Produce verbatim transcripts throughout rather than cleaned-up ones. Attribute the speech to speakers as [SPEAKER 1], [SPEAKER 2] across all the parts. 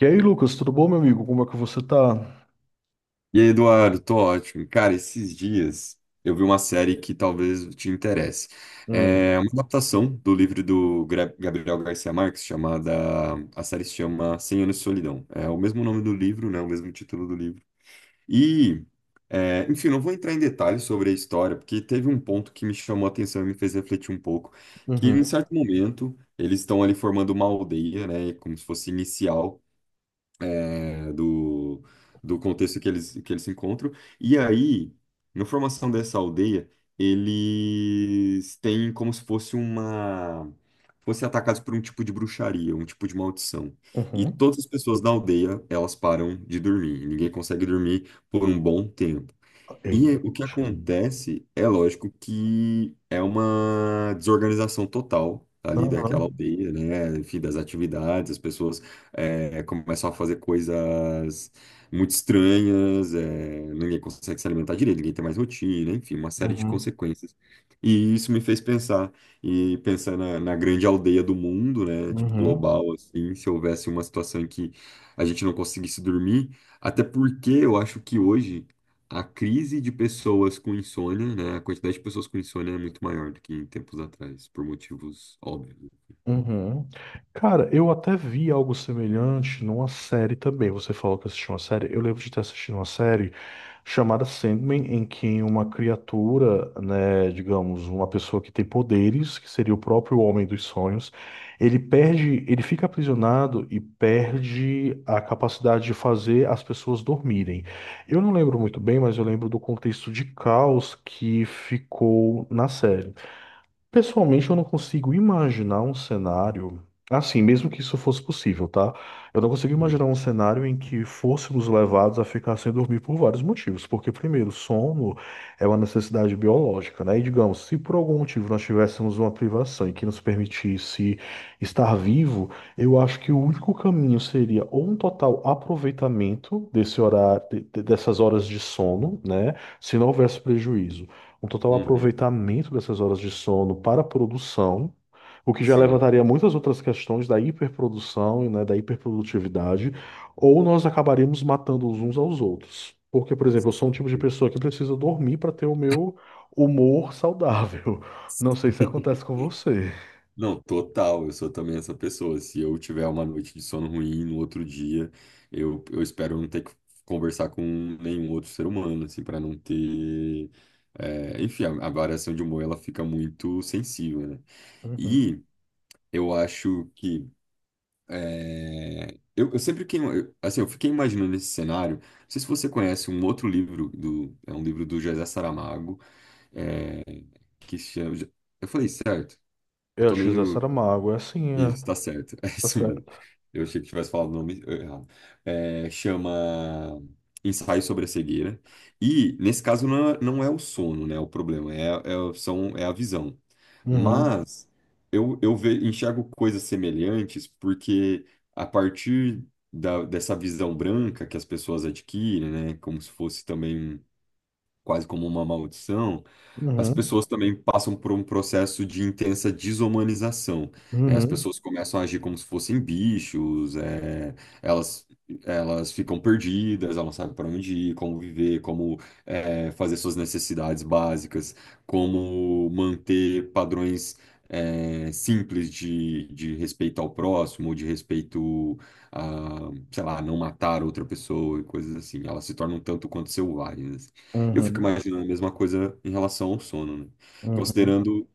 [SPEAKER 1] E aí, Lucas, tudo bom, meu amigo? Como é que você tá?
[SPEAKER 2] E aí, Eduardo, tô ótimo. Cara, esses dias eu vi uma série que talvez te interesse.
[SPEAKER 1] Hum,
[SPEAKER 2] É uma adaptação do livro do Gra- Gabriel Garcia Marques. Chamada. A série se chama Cem Anos de Solidão. É o mesmo nome do livro, né? O mesmo título do livro. E, é, enfim, não vou entrar em detalhes sobre a história, porque teve um ponto que me chamou a atenção e me fez refletir um pouco, que em
[SPEAKER 1] uhum,
[SPEAKER 2] certo momento eles estão ali formando uma aldeia, né? Como se fosse inicial é, do, do contexto que eles, que eles se encontram. E aí, na formação dessa aldeia, eles têm como se fosse uma, fossem atacados por um tipo de bruxaria, um tipo de maldição. E
[SPEAKER 1] uhum.
[SPEAKER 2] todas as pessoas da aldeia, elas param de dormir. Ninguém consegue dormir por um bom tempo. E
[SPEAKER 1] Eita,
[SPEAKER 2] o que
[SPEAKER 1] poxa.
[SPEAKER 2] acontece é lógico que é uma desorganização total ali
[SPEAKER 1] Aham,
[SPEAKER 2] daquela aldeia, né? Enfim, das atividades, as pessoas eh, começam a fazer coisas muito estranhas, eh, ninguém consegue se alimentar direito, ninguém tem mais rotina, enfim, uma série de
[SPEAKER 1] uhum,
[SPEAKER 2] consequências. E isso me fez pensar, e pensar na, na grande aldeia do mundo, né? Tipo,
[SPEAKER 1] uhum.
[SPEAKER 2] global, assim, se houvesse uma situação em que a gente não conseguisse dormir, até porque eu acho que hoje a crise de pessoas com insônia, né? A quantidade de pessoas com insônia é muito maior do que em tempos atrás, por motivos óbvios.
[SPEAKER 1] Uhum. Cara, eu até vi algo semelhante numa série também. Você falou que assistiu uma série. Eu lembro de ter assistido uma série chamada Sandman, em que uma criatura, né, digamos, uma pessoa que tem poderes, que seria o próprio Homem dos Sonhos, ele perde, ele fica aprisionado e perde a capacidade de fazer as pessoas dormirem. Eu não lembro muito bem, mas eu lembro do contexto de caos que ficou na série. Pessoalmente, eu não consigo imaginar um cenário, assim, mesmo que isso fosse possível, tá? Eu não consigo
[SPEAKER 2] Uhum.
[SPEAKER 1] imaginar um cenário em que fôssemos levados a ficar sem dormir por vários motivos. Porque, primeiro, sono é uma necessidade biológica, né? E, digamos, se por algum motivo nós tivéssemos uma privação e que nos permitisse estar vivo, eu acho que o único caminho seria ou um total aproveitamento desse horário, de- de- dessas horas de sono, né? Se não houvesse prejuízo um total
[SPEAKER 2] Uhum.
[SPEAKER 1] aproveitamento dessas horas de sono para a produção, o que já
[SPEAKER 2] Sim.
[SPEAKER 1] levantaria muitas outras questões da hiperprodução e né, da hiperprodutividade, ou nós acabaríamos matando os uns aos outros. Porque, por exemplo, eu sou um tipo de
[SPEAKER 2] Sim.
[SPEAKER 1] pessoa que precisa dormir para ter o meu humor saudável. Não sei se acontece com você.
[SPEAKER 2] Não, total, eu sou também essa pessoa. Se eu tiver uma noite de sono ruim no outro dia, eu, eu espero não ter que conversar com nenhum outro ser humano, assim, para não ter. É, enfim, a, a variação de humor ela fica muito sensível, né?
[SPEAKER 1] Uhum.
[SPEAKER 2] E eu acho que. É, Eu, eu sempre fiquei, eu- assim, eu fiquei imaginando esse cenário. Não sei se você conhece um outro livro do, é um livro do José Saramago, é, que se chama. Eu falei certo? Eu
[SPEAKER 1] Eu
[SPEAKER 2] tô
[SPEAKER 1] acho que José
[SPEAKER 2] meio,
[SPEAKER 1] Saramago, é assim, é.
[SPEAKER 2] isso, tá certo. É
[SPEAKER 1] Tá
[SPEAKER 2] isso mesmo.
[SPEAKER 1] certo.
[SPEAKER 2] Eu achei que tivesse falado o nome eh, errado. É, chama Ensaio sobre a Cegueira. E, nesse caso, não é, não é o sono, né? O problema é, é- são, é a visão.
[SPEAKER 1] Uhum.
[SPEAKER 2] Mas eu, eu ve- enxergo coisas semelhantes porque, a partir da, dessa visão branca que as pessoas adquirem, né? Como se fosse também quase como uma maldição. As
[SPEAKER 1] Uhum.
[SPEAKER 2] pessoas também passam por um processo de intensa desumanização, né? As
[SPEAKER 1] Uhum.
[SPEAKER 2] pessoas começam a agir como se fossem bichos. É, elas, elas ficam perdidas, elas não sabem para onde ir, como viver, como é, fazer suas necessidades básicas, como manter padrões é, simples de, de respeito ao próximo, de respeito a, sei lá, não matar outra pessoa e coisas assim. Elas se tornam tanto quanto selvagens. E eu fico
[SPEAKER 1] Uhum.
[SPEAKER 2] imaginando a mesma coisa em relação ao sono, né?
[SPEAKER 1] Uhum.
[SPEAKER 2] Considerando,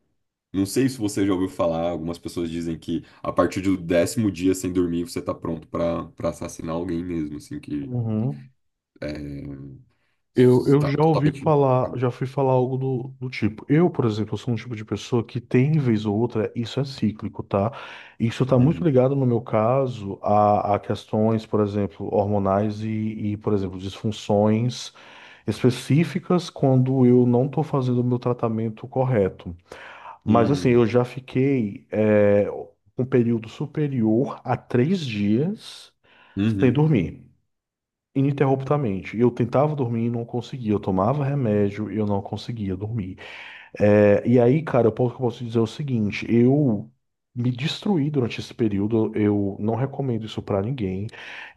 [SPEAKER 2] não sei se você já ouviu falar, algumas pessoas dizem que a partir do décimo dia sem dormir você tá pronto pra para assassinar alguém mesmo, assim, que
[SPEAKER 1] Uhum.
[SPEAKER 2] é,
[SPEAKER 1] Eu, eu
[SPEAKER 2] está
[SPEAKER 1] já ouvi
[SPEAKER 2] totalmente.
[SPEAKER 1] falar,
[SPEAKER 2] Acabou.
[SPEAKER 1] já fui falar algo do, do tipo. Eu, por exemplo, sou um tipo de pessoa que tem, vez ou outra, isso é cíclico, tá? Isso tá muito
[SPEAKER 2] Uhum.
[SPEAKER 1] ligado, no meu caso, a, a questões, por exemplo, hormonais e, e, por exemplo, disfunções específicas quando eu não tô fazendo o meu tratamento correto. Mas, assim, eu
[SPEAKER 2] Hum.
[SPEAKER 1] já fiquei, é, um período superior a três dias sem
[SPEAKER 2] Uhum.
[SPEAKER 1] dormir ininterruptamente. Eu tentava dormir e não conseguia. Eu tomava remédio e eu não conseguia dormir. É, e aí, cara, eu posso, eu posso dizer é o seguinte: eu me destruí durante esse período. Eu não recomendo isso pra ninguém.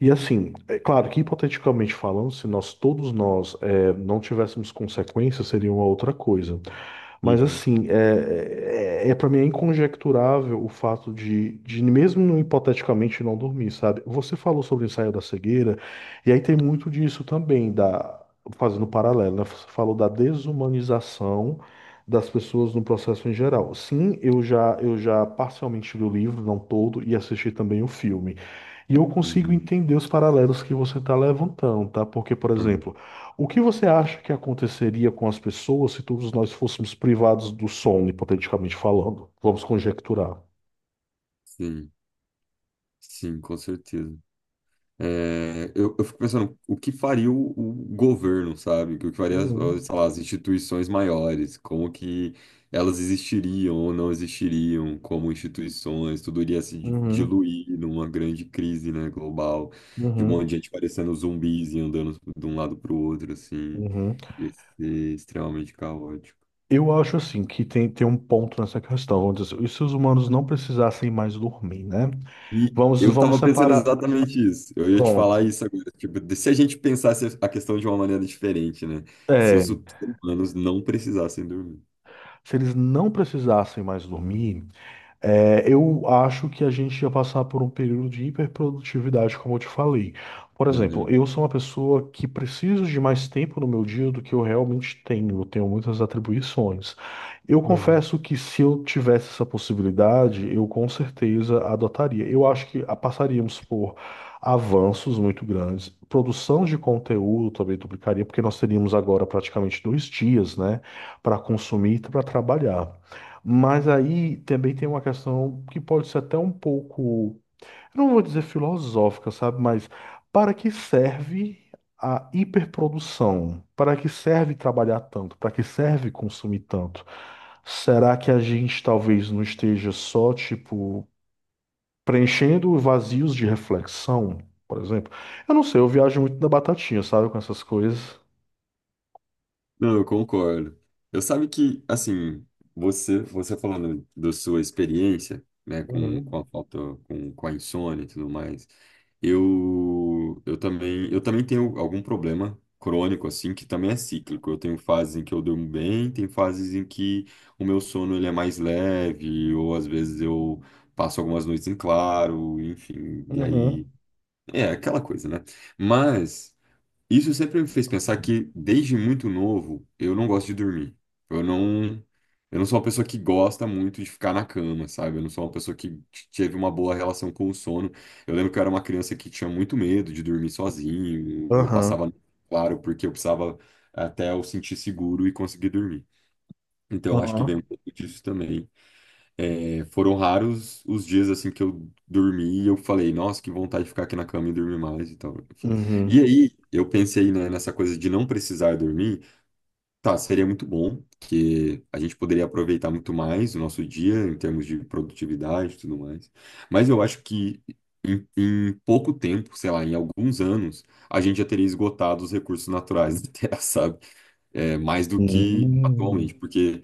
[SPEAKER 1] E assim, é claro que hipoteticamente falando, se nós todos nós é, não tivéssemos consequências, seria uma outra coisa. Mas
[SPEAKER 2] Uhum.
[SPEAKER 1] assim, é, é, é para mim é inconjecturável o fato de, de, mesmo hipoteticamente, não dormir, sabe? Você falou sobre o ensaio da cegueira, e aí tem muito disso também, da, fazendo um paralelo, né? Você falou da desumanização das pessoas no processo em geral. Sim, eu já, eu já parcialmente li o livro, não todo, e assisti também o filme. E eu consigo
[SPEAKER 2] Uhum.
[SPEAKER 1] entender os paralelos que você está levantando, tá? Porque, por
[SPEAKER 2] Uhum.
[SPEAKER 1] exemplo, o que você acha que aconteceria com as pessoas se todos nós fôssemos privados do som, hipoteticamente falando? Vamos conjecturar.
[SPEAKER 2] Sim, sim, com certeza. É, eu, eu fico pensando o que faria o, o governo, sabe? O que faria, as- as,
[SPEAKER 1] Uhum,
[SPEAKER 2] sei lá, as instituições maiores, como que elas existiriam ou não existiriam como instituições, tudo iria se di-
[SPEAKER 1] uhum,
[SPEAKER 2] diluir numa grande crise, né, global, de um monte
[SPEAKER 1] uhum,
[SPEAKER 2] de gente parecendo zumbis e andando de um lado para o outro, assim,
[SPEAKER 1] uhum.
[SPEAKER 2] ia ser extremamente caótico.
[SPEAKER 1] Eu acho assim que tem, tem um ponto nessa questão. Vamos dizer, e se os humanos não precisassem mais dormir, né?
[SPEAKER 2] E
[SPEAKER 1] Vamos,
[SPEAKER 2] eu
[SPEAKER 1] vamos
[SPEAKER 2] estava pensando
[SPEAKER 1] separar.
[SPEAKER 2] exatamente isso. Eu ia te falar
[SPEAKER 1] Pronto.
[SPEAKER 2] isso agora. Tipo, de- se a gente pensasse a questão de uma maneira diferente, né? Se
[SPEAKER 1] É,
[SPEAKER 2] os humanos não precisassem dormir.
[SPEAKER 1] se eles não precisassem mais dormir, é, eu acho que a gente ia passar por um período de hiperprodutividade, como eu te falei. Por exemplo,
[SPEAKER 2] Uhum.
[SPEAKER 1] eu sou uma pessoa que preciso de mais tempo no meu dia do que eu realmente tenho. Eu tenho muitas atribuições. Eu confesso que se eu tivesse essa possibilidade, eu com certeza adotaria. Eu acho que ah, passaríamos por avanços muito grandes. Produção de conteúdo também duplicaria, porque nós teríamos agora praticamente dois dias, né, para consumir e para trabalhar. Mas aí também tem uma questão que pode ser até um pouco, eu não vou dizer filosófica, sabe? Mas para que serve a hiperprodução? Para que serve trabalhar tanto? Para que serve consumir tanto? Será que a gente talvez não esteja só, tipo, preenchendo vazios de reflexão, por exemplo? Eu não sei, eu viajo muito na batatinha, sabe? Com essas coisas.
[SPEAKER 2] Não, eu concordo. Eu sabe que, assim, você, você falando da sua experiência, né, com, com a
[SPEAKER 1] Uhum.
[SPEAKER 2] falta, com, com a insônia e tudo mais, eu, eu também, eu também tenho algum problema crônico, assim, que também é cíclico. Eu tenho fases em que eu durmo bem, tem fases em que o meu sono, ele é mais leve, ou às vezes eu passo algumas noites em claro, enfim, e aí,
[SPEAKER 1] Uhum.
[SPEAKER 2] é aquela coisa, né? Mas. Isso sempre me fez pensar que, desde muito novo, eu não gosto de dormir. Eu não, eu não sou uma pessoa que gosta muito de ficar na cama, sabe? Eu não sou uma pessoa que t- teve uma boa relação com o sono. Eu lembro que eu era uma criança que tinha muito medo de dormir sozinho. Eu
[SPEAKER 1] Aham.
[SPEAKER 2] passava, claro, porque eu precisava até eu sentir seguro e conseguir dormir. Então, eu acho que vem um
[SPEAKER 1] Aham.
[SPEAKER 2] pouco disso também. É, foram raros os dias assim que eu dormi e eu falei, nossa, que vontade de ficar aqui na cama e dormir mais e tal, enfim. E
[SPEAKER 1] Uhum.
[SPEAKER 2] aí eu pensei, né, nessa coisa de não precisar dormir. Tá, seria muito bom, porque a gente poderia aproveitar muito mais o nosso dia em termos de produtividade e tudo mais. Mas eu acho que em, em pouco tempo, sei lá, em alguns anos, a gente já teria esgotado os recursos naturais da Terra, sabe? É, mais do que
[SPEAKER 1] Uhum.
[SPEAKER 2] atualmente, porque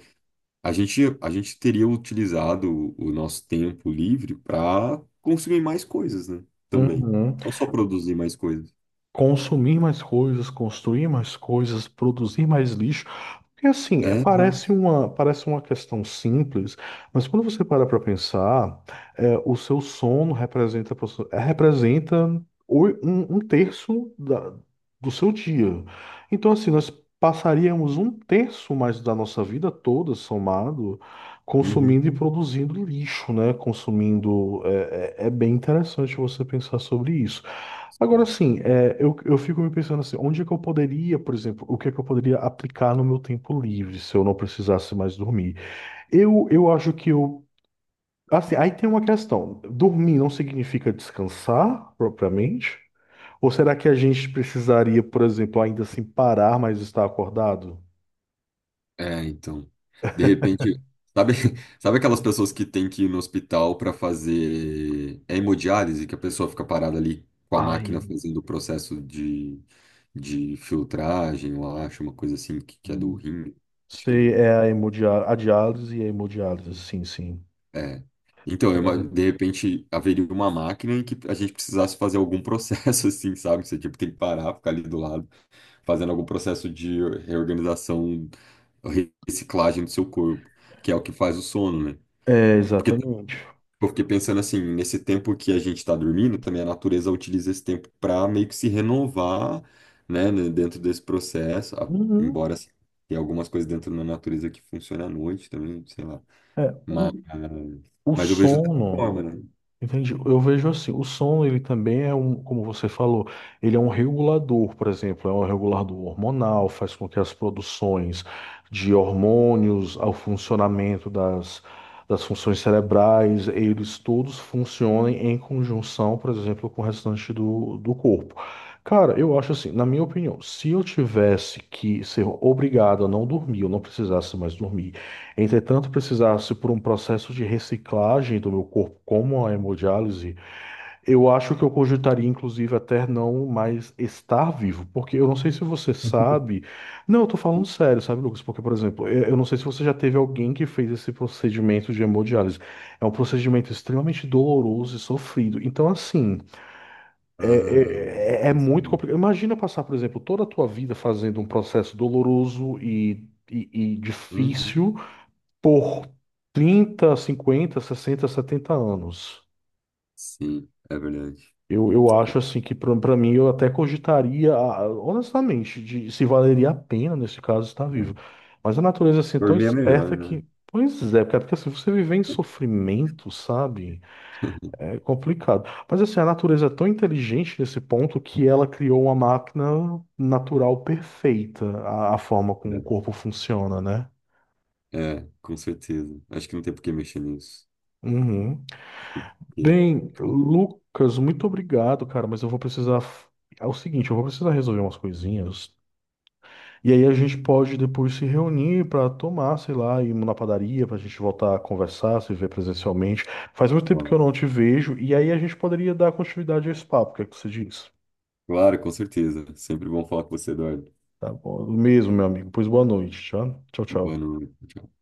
[SPEAKER 2] a gente, a gente teria utilizado o o nosso tempo livre para consumir mais coisas, né? Também.
[SPEAKER 1] Uhum.
[SPEAKER 2] Não só produzir mais coisas.
[SPEAKER 1] Consumir mais coisas, construir mais coisas, produzir mais lixo. Porque assim, é-
[SPEAKER 2] É,
[SPEAKER 1] parece
[SPEAKER 2] exato.
[SPEAKER 1] uma, parece uma questão simples, mas quando você para para pensar, é, o seu sono representa, aproxi- é, representa oi- um, um terço da- do seu dia. Então, assim, nós passaríamos um terço mais da nossa vida toda somado,
[SPEAKER 2] Uhum.
[SPEAKER 1] consumindo e produzindo lixo, né? Consumindo. é é- é bem interessante você pensar sobre isso. Agora sim, é, eu, eu fico me pensando assim, onde é que eu poderia, por exemplo, o que é que eu poderia aplicar no meu tempo livre se eu não precisasse mais dormir? Eu, eu acho que eu. Assim, aí tem uma questão. Dormir não significa descansar propriamente? Ou será que a gente precisaria, por exemplo, ainda assim parar, mas estar acordado?
[SPEAKER 2] É, então. De repente, sabe, sabe aquelas pessoas que têm que ir no hospital para fazer hemodiálise, que a pessoa fica parada ali com a máquina
[SPEAKER 1] Ai,
[SPEAKER 2] fazendo o processo de, de filtragem, eu acho, uma coisa assim, que, que é do
[SPEAKER 1] hum.
[SPEAKER 2] rim. Acho que é do
[SPEAKER 1] Sei,
[SPEAKER 2] rim.
[SPEAKER 1] é a hemodiálise, a diálise e a hemodiálise, sim, sim.
[SPEAKER 2] É. Então, é uma-
[SPEAKER 1] Cara.
[SPEAKER 2] de repente, haveria uma máquina em que a gente precisasse fazer algum processo, assim, sabe? Você, tipo, tem que parar, ficar ali do lado, fazendo algum processo de reorganização, reciclagem do seu corpo, que é o que faz o sono, né?
[SPEAKER 1] É,
[SPEAKER 2] Porque
[SPEAKER 1] exatamente.
[SPEAKER 2] eu fiquei pensando assim, nesse tempo que a gente está dormindo, também a natureza utiliza esse tempo para meio que se renovar, né, né, dentro desse processo, a-
[SPEAKER 1] Uhum.
[SPEAKER 2] embora assim, tenha algumas coisas dentro da natureza que funcionam à noite também, sei lá.
[SPEAKER 1] É,
[SPEAKER 2] Mas,
[SPEAKER 1] o, o
[SPEAKER 2] mas eu vejo dessa
[SPEAKER 1] sono.
[SPEAKER 2] forma, né?
[SPEAKER 1] Entendi. Eu vejo assim, o som ele também é um, como você falou, ele é um regulador, por exemplo, é um regulador hormonal, faz com que as produções de hormônios, ao funcionamento das, das funções cerebrais, eles todos funcionem em conjunção, por exemplo, com o restante do, do corpo. Cara, eu acho assim, na minha opinião, se eu tivesse que ser obrigado a não dormir, eu não precisasse mais dormir, entretanto, precisasse por um processo de reciclagem do meu corpo, como a hemodiálise, eu acho que eu cogitaria, inclusive, até não mais estar vivo, porque eu não sei se você sabe. Não, eu tô falando sério, sabe, Lucas? Porque, por exemplo, eu eu não sei se você já teve alguém que fez esse procedimento de hemodiálise. É um procedimento extremamente doloroso e sofrido. Então, assim, é,
[SPEAKER 2] Ah,
[SPEAKER 1] é, é é
[SPEAKER 2] não
[SPEAKER 1] muito
[SPEAKER 2] sabia.
[SPEAKER 1] complicado. Imagina passar, por exemplo, toda a tua vida fazendo um processo doloroso e, e e
[SPEAKER 2] Uhum.
[SPEAKER 1] difícil por trinta, cinquenta, sessenta, setenta anos.
[SPEAKER 2] Sim, é verdade.
[SPEAKER 1] Eu, eu acho assim que para mim eu até cogitaria, ah, honestamente, de se valeria a pena nesse caso estar
[SPEAKER 2] É.
[SPEAKER 1] vivo. Mas a natureza assim é tão
[SPEAKER 2] Dormir é
[SPEAKER 1] esperta
[SPEAKER 2] melhor, né?
[SPEAKER 1] que, pois é, cara, porque assim, você viver em sofrimento, sabe? É complicado. Mas assim, a natureza é tão inteligente nesse ponto que ela criou uma máquina natural perfeita, a, a forma como o corpo funciona, né?
[SPEAKER 2] É, é, com certeza. Acho que não tem por que mexer nisso.
[SPEAKER 1] Uhum.
[SPEAKER 2] Porque-
[SPEAKER 1] Bem, Lucas, muito obrigado, cara, mas eu vou precisar. f- É o seguinte, eu vou precisar resolver umas coisinhas. E aí a gente pode depois se reunir pra tomar, sei lá, ir na padaria, pra gente voltar a conversar, se ver presencialmente. Faz muito tempo que
[SPEAKER 2] Claro,
[SPEAKER 1] eu não te vejo, e aí a gente poderia dar continuidade a esse papo, o que é que você diz?
[SPEAKER 2] claro, com certeza. Sempre bom falar com você, Eduardo.
[SPEAKER 1] Tá bom, mesmo, meu amigo. Pois boa noite, tá? Tchau,
[SPEAKER 2] Boa
[SPEAKER 1] tchau.
[SPEAKER 2] noite. Tchau.